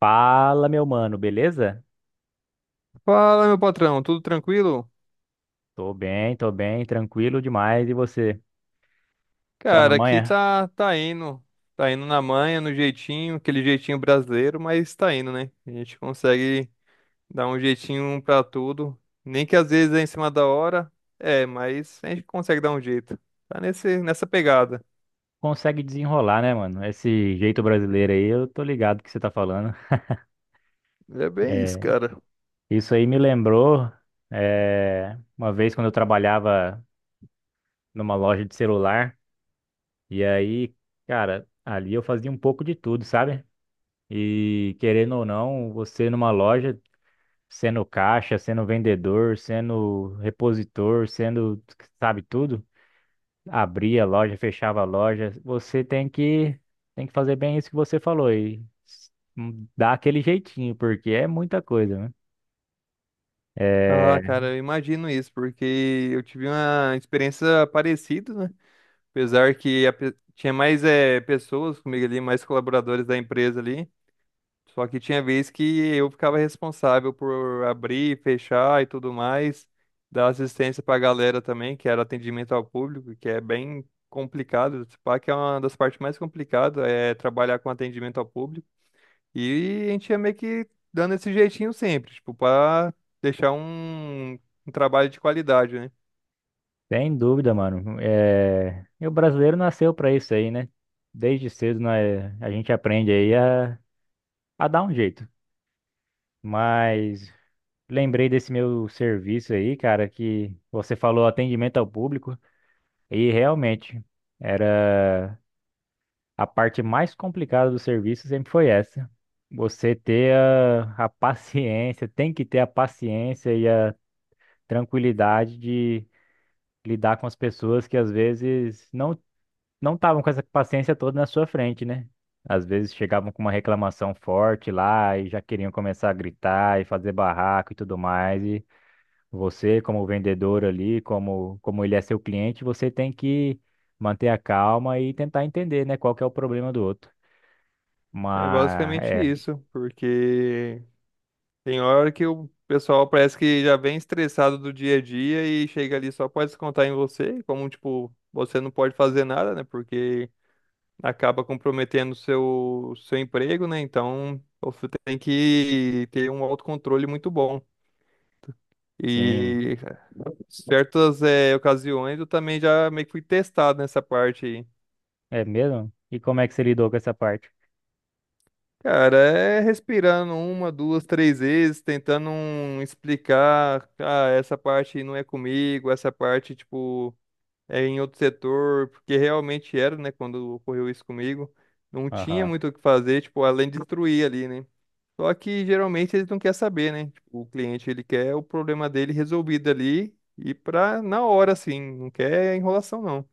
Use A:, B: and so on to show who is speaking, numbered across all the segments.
A: Fala, meu mano, beleza?
B: Fala, meu patrão, tudo tranquilo?
A: Tô bem, tranquilo demais. E você? Só na
B: Cara, aqui
A: manhã?
B: tá indo. Tá indo na manha, no jeitinho, aquele jeitinho brasileiro, mas tá indo, né? A gente consegue dar um jeitinho um pra tudo. Nem que às vezes é em cima da hora, é, mas a gente consegue dar um jeito. Tá nessa pegada.
A: Consegue desenrolar, né, mano? Esse jeito brasileiro aí, eu tô ligado que você tá falando.
B: É bem isso,
A: É,
B: cara.
A: isso aí me lembrou, uma vez quando eu trabalhava numa loja de celular. E aí, cara, ali eu fazia um pouco de tudo, sabe? E querendo ou não, você numa loja, sendo caixa, sendo vendedor, sendo repositor, sendo, sabe, tudo. Abria a loja, fechava a loja. Você tem que fazer bem isso que você falou dar aquele jeitinho, porque é muita coisa, né? É,
B: Ah, cara, eu imagino isso, porque eu tive uma experiência parecida, né? Apesar que tinha mais pessoas comigo ali, mais colaboradores da empresa ali. Só que tinha vez que eu ficava responsável por abrir, fechar e tudo mais, dar assistência pra galera também, que era atendimento ao público, que é bem complicado. Se pá, que é uma das partes mais complicadas, é trabalhar com atendimento ao público. E a gente ia meio que dando esse jeitinho sempre, tipo, pra deixar um trabalho de qualidade, né?
A: sem dúvida, mano. É, e o brasileiro nasceu pra isso aí, né? Desde cedo, né, a gente aprende aí a dar um jeito. Mas lembrei desse meu serviço aí, cara, que você falou atendimento ao público e realmente era. A parte mais complicada do serviço sempre foi essa. Você ter a paciência, tem que ter a paciência e a tranquilidade de lidar com as pessoas que às vezes não estavam com essa paciência toda na sua frente, né? Às vezes chegavam com uma reclamação forte lá e já queriam começar a gritar e fazer barraco e tudo mais. E você, como vendedor ali, como ele é seu cliente, você tem que manter a calma e tentar entender, né, qual que é o problema do outro.
B: É
A: Mas,
B: basicamente isso, porque tem hora que o pessoal parece que já vem estressado do dia a dia e chega ali só pode descontar em você, como tipo, você não pode fazer nada, né? Porque acaba comprometendo o seu emprego, né? Então, você tem que ter um autocontrole muito bom.
A: sim,
B: E certas ocasiões eu também já meio que fui testado nessa parte aí.
A: é mesmo? E como é que você lidou com essa parte?
B: Cara, é respirando uma, duas, três vezes, tentando um, explicar, ah, essa parte não é comigo, essa parte, tipo, é, em outro setor, porque realmente era, né, quando ocorreu isso comigo, não tinha
A: Aham.
B: muito o que fazer, tipo, além de destruir ali, né? Só que geralmente eles não querem saber, né? Tipo, o cliente ele quer o problema dele resolvido ali e pra na hora, assim, não quer enrolação, não.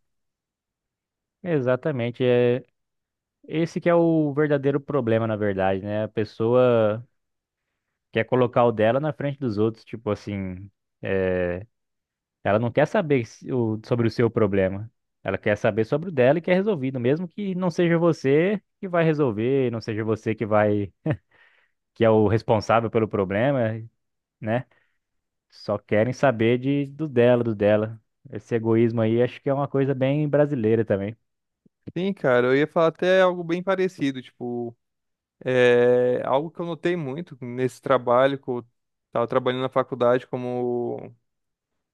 A: Exatamente, é esse que é o verdadeiro problema, na verdade, né? A pessoa quer colocar o dela na frente dos outros, tipo assim, é, ela não quer saber sobre o seu problema. Ela quer saber sobre o dela e quer resolvido, mesmo que não seja você que vai resolver, não seja você que vai, que é o responsável pelo problema, né? Só querem saber de do dela, do dela. Esse egoísmo aí acho que é uma coisa bem brasileira também.
B: Sim, cara, eu ia falar até algo bem parecido, tipo, é algo que eu notei muito nesse trabalho que eu tava trabalhando na faculdade como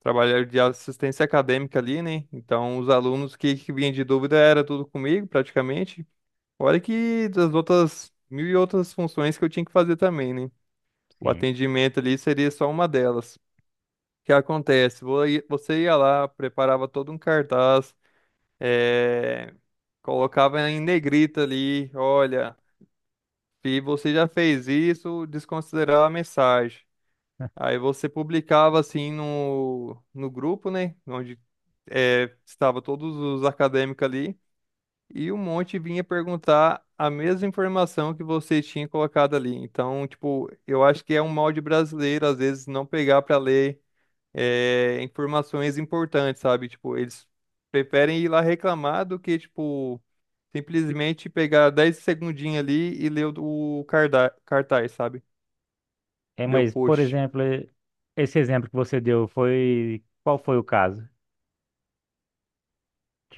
B: trabalhei de assistência acadêmica ali, né? Então, os alunos que vinham de dúvida era tudo comigo, praticamente. Olha que das outras mil e outras funções que eu tinha que fazer também, né? O
A: Sim.
B: atendimento ali seria só uma delas. O que acontece? Você ia lá, preparava todo um cartaz, eh, colocava em negrita ali, olha, se você já fez isso, desconsiderar a mensagem. Aí você publicava assim no grupo, né? Onde é, estava todos os acadêmicos ali. E um monte vinha perguntar a mesma informação que você tinha colocado ali. Então, tipo, eu acho que é um mal de brasileiro, às vezes, não pegar para ler informações importantes, sabe? Tipo, eles preferem ir lá reclamar do que, tipo, simplesmente pegar 10 segundinhos ali e ler o cartaz, sabe?
A: É,
B: Ler o
A: mas, por
B: post.
A: exemplo, esse exemplo que você deu foi. Qual foi o caso?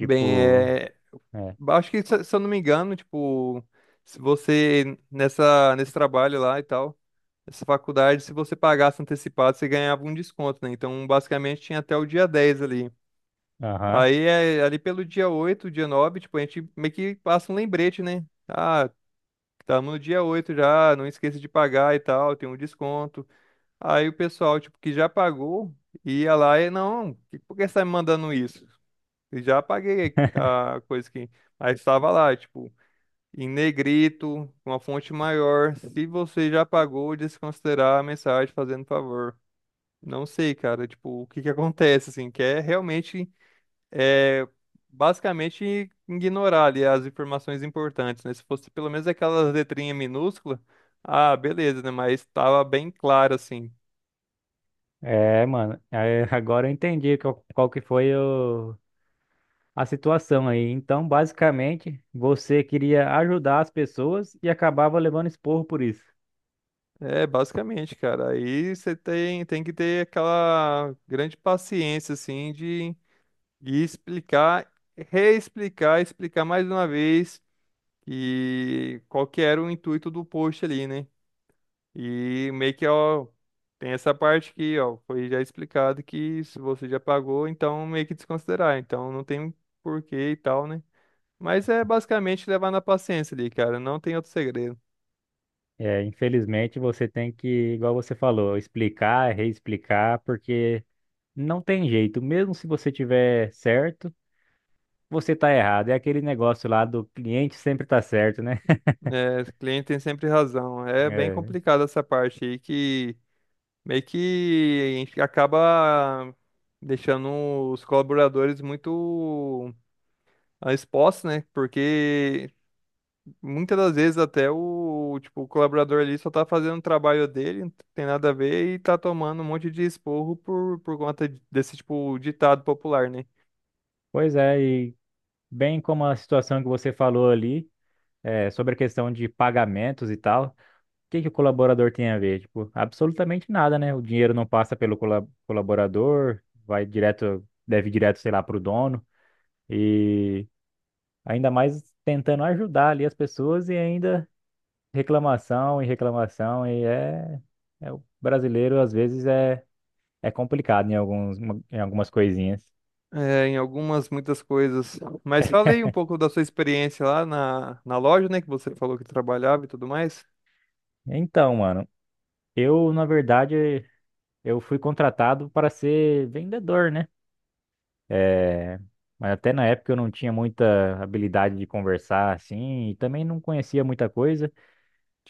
B: Bem, é,
A: É.
B: acho que, se eu não me engano, tipo, se você, nesse trabalho lá e tal, essa faculdade, se você pagasse antecipado, você ganhava um desconto, né? Então, basicamente, tinha até o dia 10 ali.
A: Aham.
B: Aí, é, ali pelo dia 8 dia 9 tipo, a gente meio que passa um lembrete, né? Ah, estamos no dia 8 já, não esqueça de pagar e tal, tem um desconto. Aí o pessoal, tipo, que já pagou, ia lá e, não, por que você está me mandando isso? Eu já paguei a coisa que... Aí estava lá, tipo em negrito, com a fonte maior. Se você já pagou, desconsiderar a mensagem fazendo favor. Não sei, cara, tipo, o que que acontece, assim, que é realmente, é, basicamente ignorar ali as informações importantes, né? Se fosse pelo menos aquelas letrinhas minúsculas, ah, beleza, né? Mas tava bem claro, assim.
A: É, mano. Agora eu entendi qual que foi a situação aí. Então, basicamente, você queria ajudar as pessoas e acabava levando esporro por isso.
B: É, basicamente, cara, aí você tem que ter aquela grande paciência, assim, de explicar reexplicar, explicar mais uma vez e qual que era o intuito do post ali, né? E meio que, ó, tem essa parte aqui, ó, foi já explicado que se você já pagou, então meio que desconsiderar, então não tem porquê e tal, né? Mas é basicamente levar na paciência ali, cara, não tem outro segredo.
A: É, infelizmente, você tem que, igual você falou, explicar, reexplicar, porque. Não tem jeito, mesmo se você tiver certo, você tá errado. É aquele negócio lá do cliente sempre tá certo, né?
B: É, o cliente tem sempre razão. É bem
A: É,
B: complicado essa parte aí que meio que a gente acaba deixando os colaboradores muito ah, expostos, né? Porque muitas das vezes até o, tipo, o colaborador ali só tá fazendo o trabalho dele, não tem nada a ver, e tá tomando um monte de esporro por conta desse, tipo, ditado popular, né?
A: pois é, e bem como a situação que você falou ali, sobre a questão de pagamentos e tal, o que que o colaborador tem a ver? Tipo, absolutamente nada, né? O dinheiro não passa pelo colaborador, vai direto, deve direto, sei lá, pro dono, e ainda mais tentando ajudar ali as pessoas e ainda. Reclamação e reclamação e é o brasileiro, às vezes é complicado em alguns em algumas coisinhas.
B: É, em algumas, muitas coisas. Mas falei um pouco da sua experiência lá na loja, né? Que você falou que trabalhava e tudo mais.
A: Então, mano, eu na verdade eu fui contratado para ser vendedor, né? É, mas até na época eu não tinha muita habilidade de conversar assim e também não conhecia muita coisa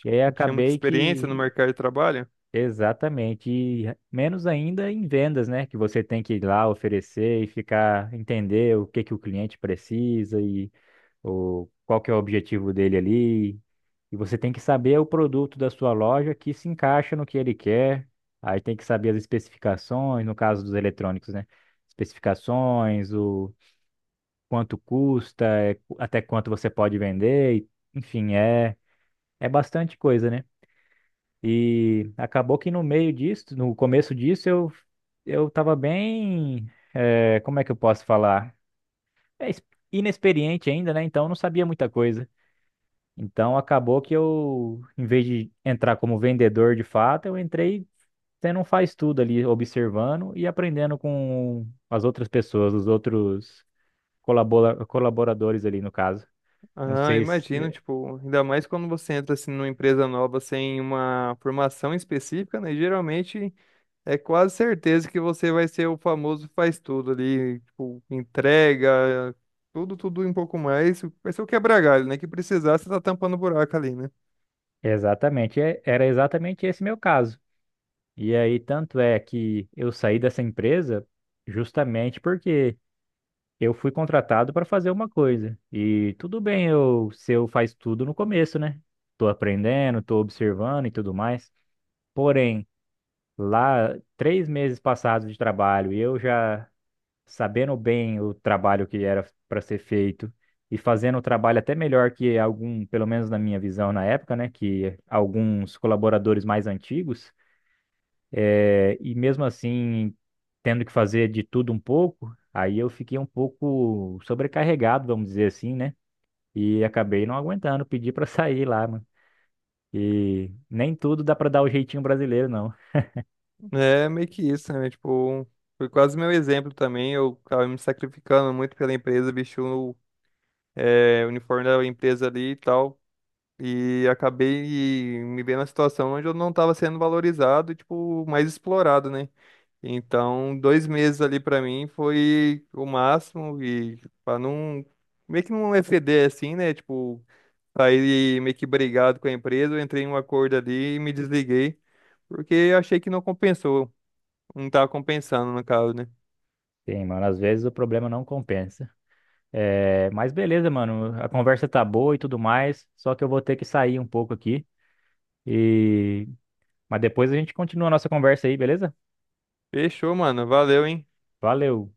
A: e aí
B: Não tinha muita
A: acabei
B: experiência no
A: que.
B: mercado de trabalho.
A: Exatamente, e menos ainda em vendas, né? Que você tem que ir lá oferecer e ficar entender o que que o cliente precisa, qual que é o objetivo dele ali. E você tem que saber o produto da sua loja que se encaixa no que ele quer. Aí tem que saber as especificações, no caso dos eletrônicos, né? Especificações, o quanto custa, até quanto você pode vender, enfim, é bastante coisa, né? E acabou que no meio disso, no começo disso, eu tava bem, como é que eu posso falar? É, es- Inexperiente ainda, né? Então eu não sabia muita coisa. Então acabou que eu, em vez de entrar como vendedor de fato, eu entrei sendo um faz-tudo ali, observando e aprendendo com as outras pessoas, os outros colaboradores ali no caso. Não
B: Ah,
A: sei se
B: imagino, tipo, ainda mais quando você entra, assim, numa empresa nova sem uma formação específica, né? Geralmente é quase certeza que você vai ser o famoso faz tudo ali, tipo, entrega, tudo, tudo e um pouco mais. Vai ser o quebra-galho, né? Que precisar, você tá tampando o buraco ali, né?
A: é exatamente, era exatamente esse meu caso. E aí, tanto é que eu saí dessa empresa justamente porque eu fui contratado para fazer uma coisa. E tudo bem eu, se eu faz tudo no começo, né? Tô aprendendo, tô observando e tudo mais. Porém, lá, 3 meses passados de trabalho, e eu já sabendo bem o trabalho que era para ser feito e fazendo o trabalho até melhor que algum, pelo menos na minha visão na época, né, que alguns colaboradores mais antigos, e mesmo assim tendo que fazer de tudo um pouco, aí eu fiquei um pouco sobrecarregado, vamos dizer assim, né, e acabei não aguentando, pedi para sair lá, mano. E nem tudo dá para dar o jeitinho brasileiro, não.
B: É meio que isso, né? Tipo, foi quase meu exemplo também. Eu tava me sacrificando muito pela empresa, vesti o é, uniforme da empresa ali e tal. E acabei me vendo na situação onde eu não tava sendo valorizado e, tipo, mais explorado, né? Então, 2 meses ali pra mim foi o máximo e para não meio que não exceder assim, né? Tipo, sair meio que brigado com a empresa, eu entrei em um acordo ali e me desliguei, porque eu achei que não compensou, não tava compensando no caso, né?
A: Sim, mano, às vezes o problema não compensa. É, mas beleza, mano, a conversa tá boa e tudo mais, só que eu vou ter que sair um pouco aqui e, mas depois a gente continua a nossa conversa aí, beleza?
B: Fechou, mano, valeu, hein?
A: Valeu.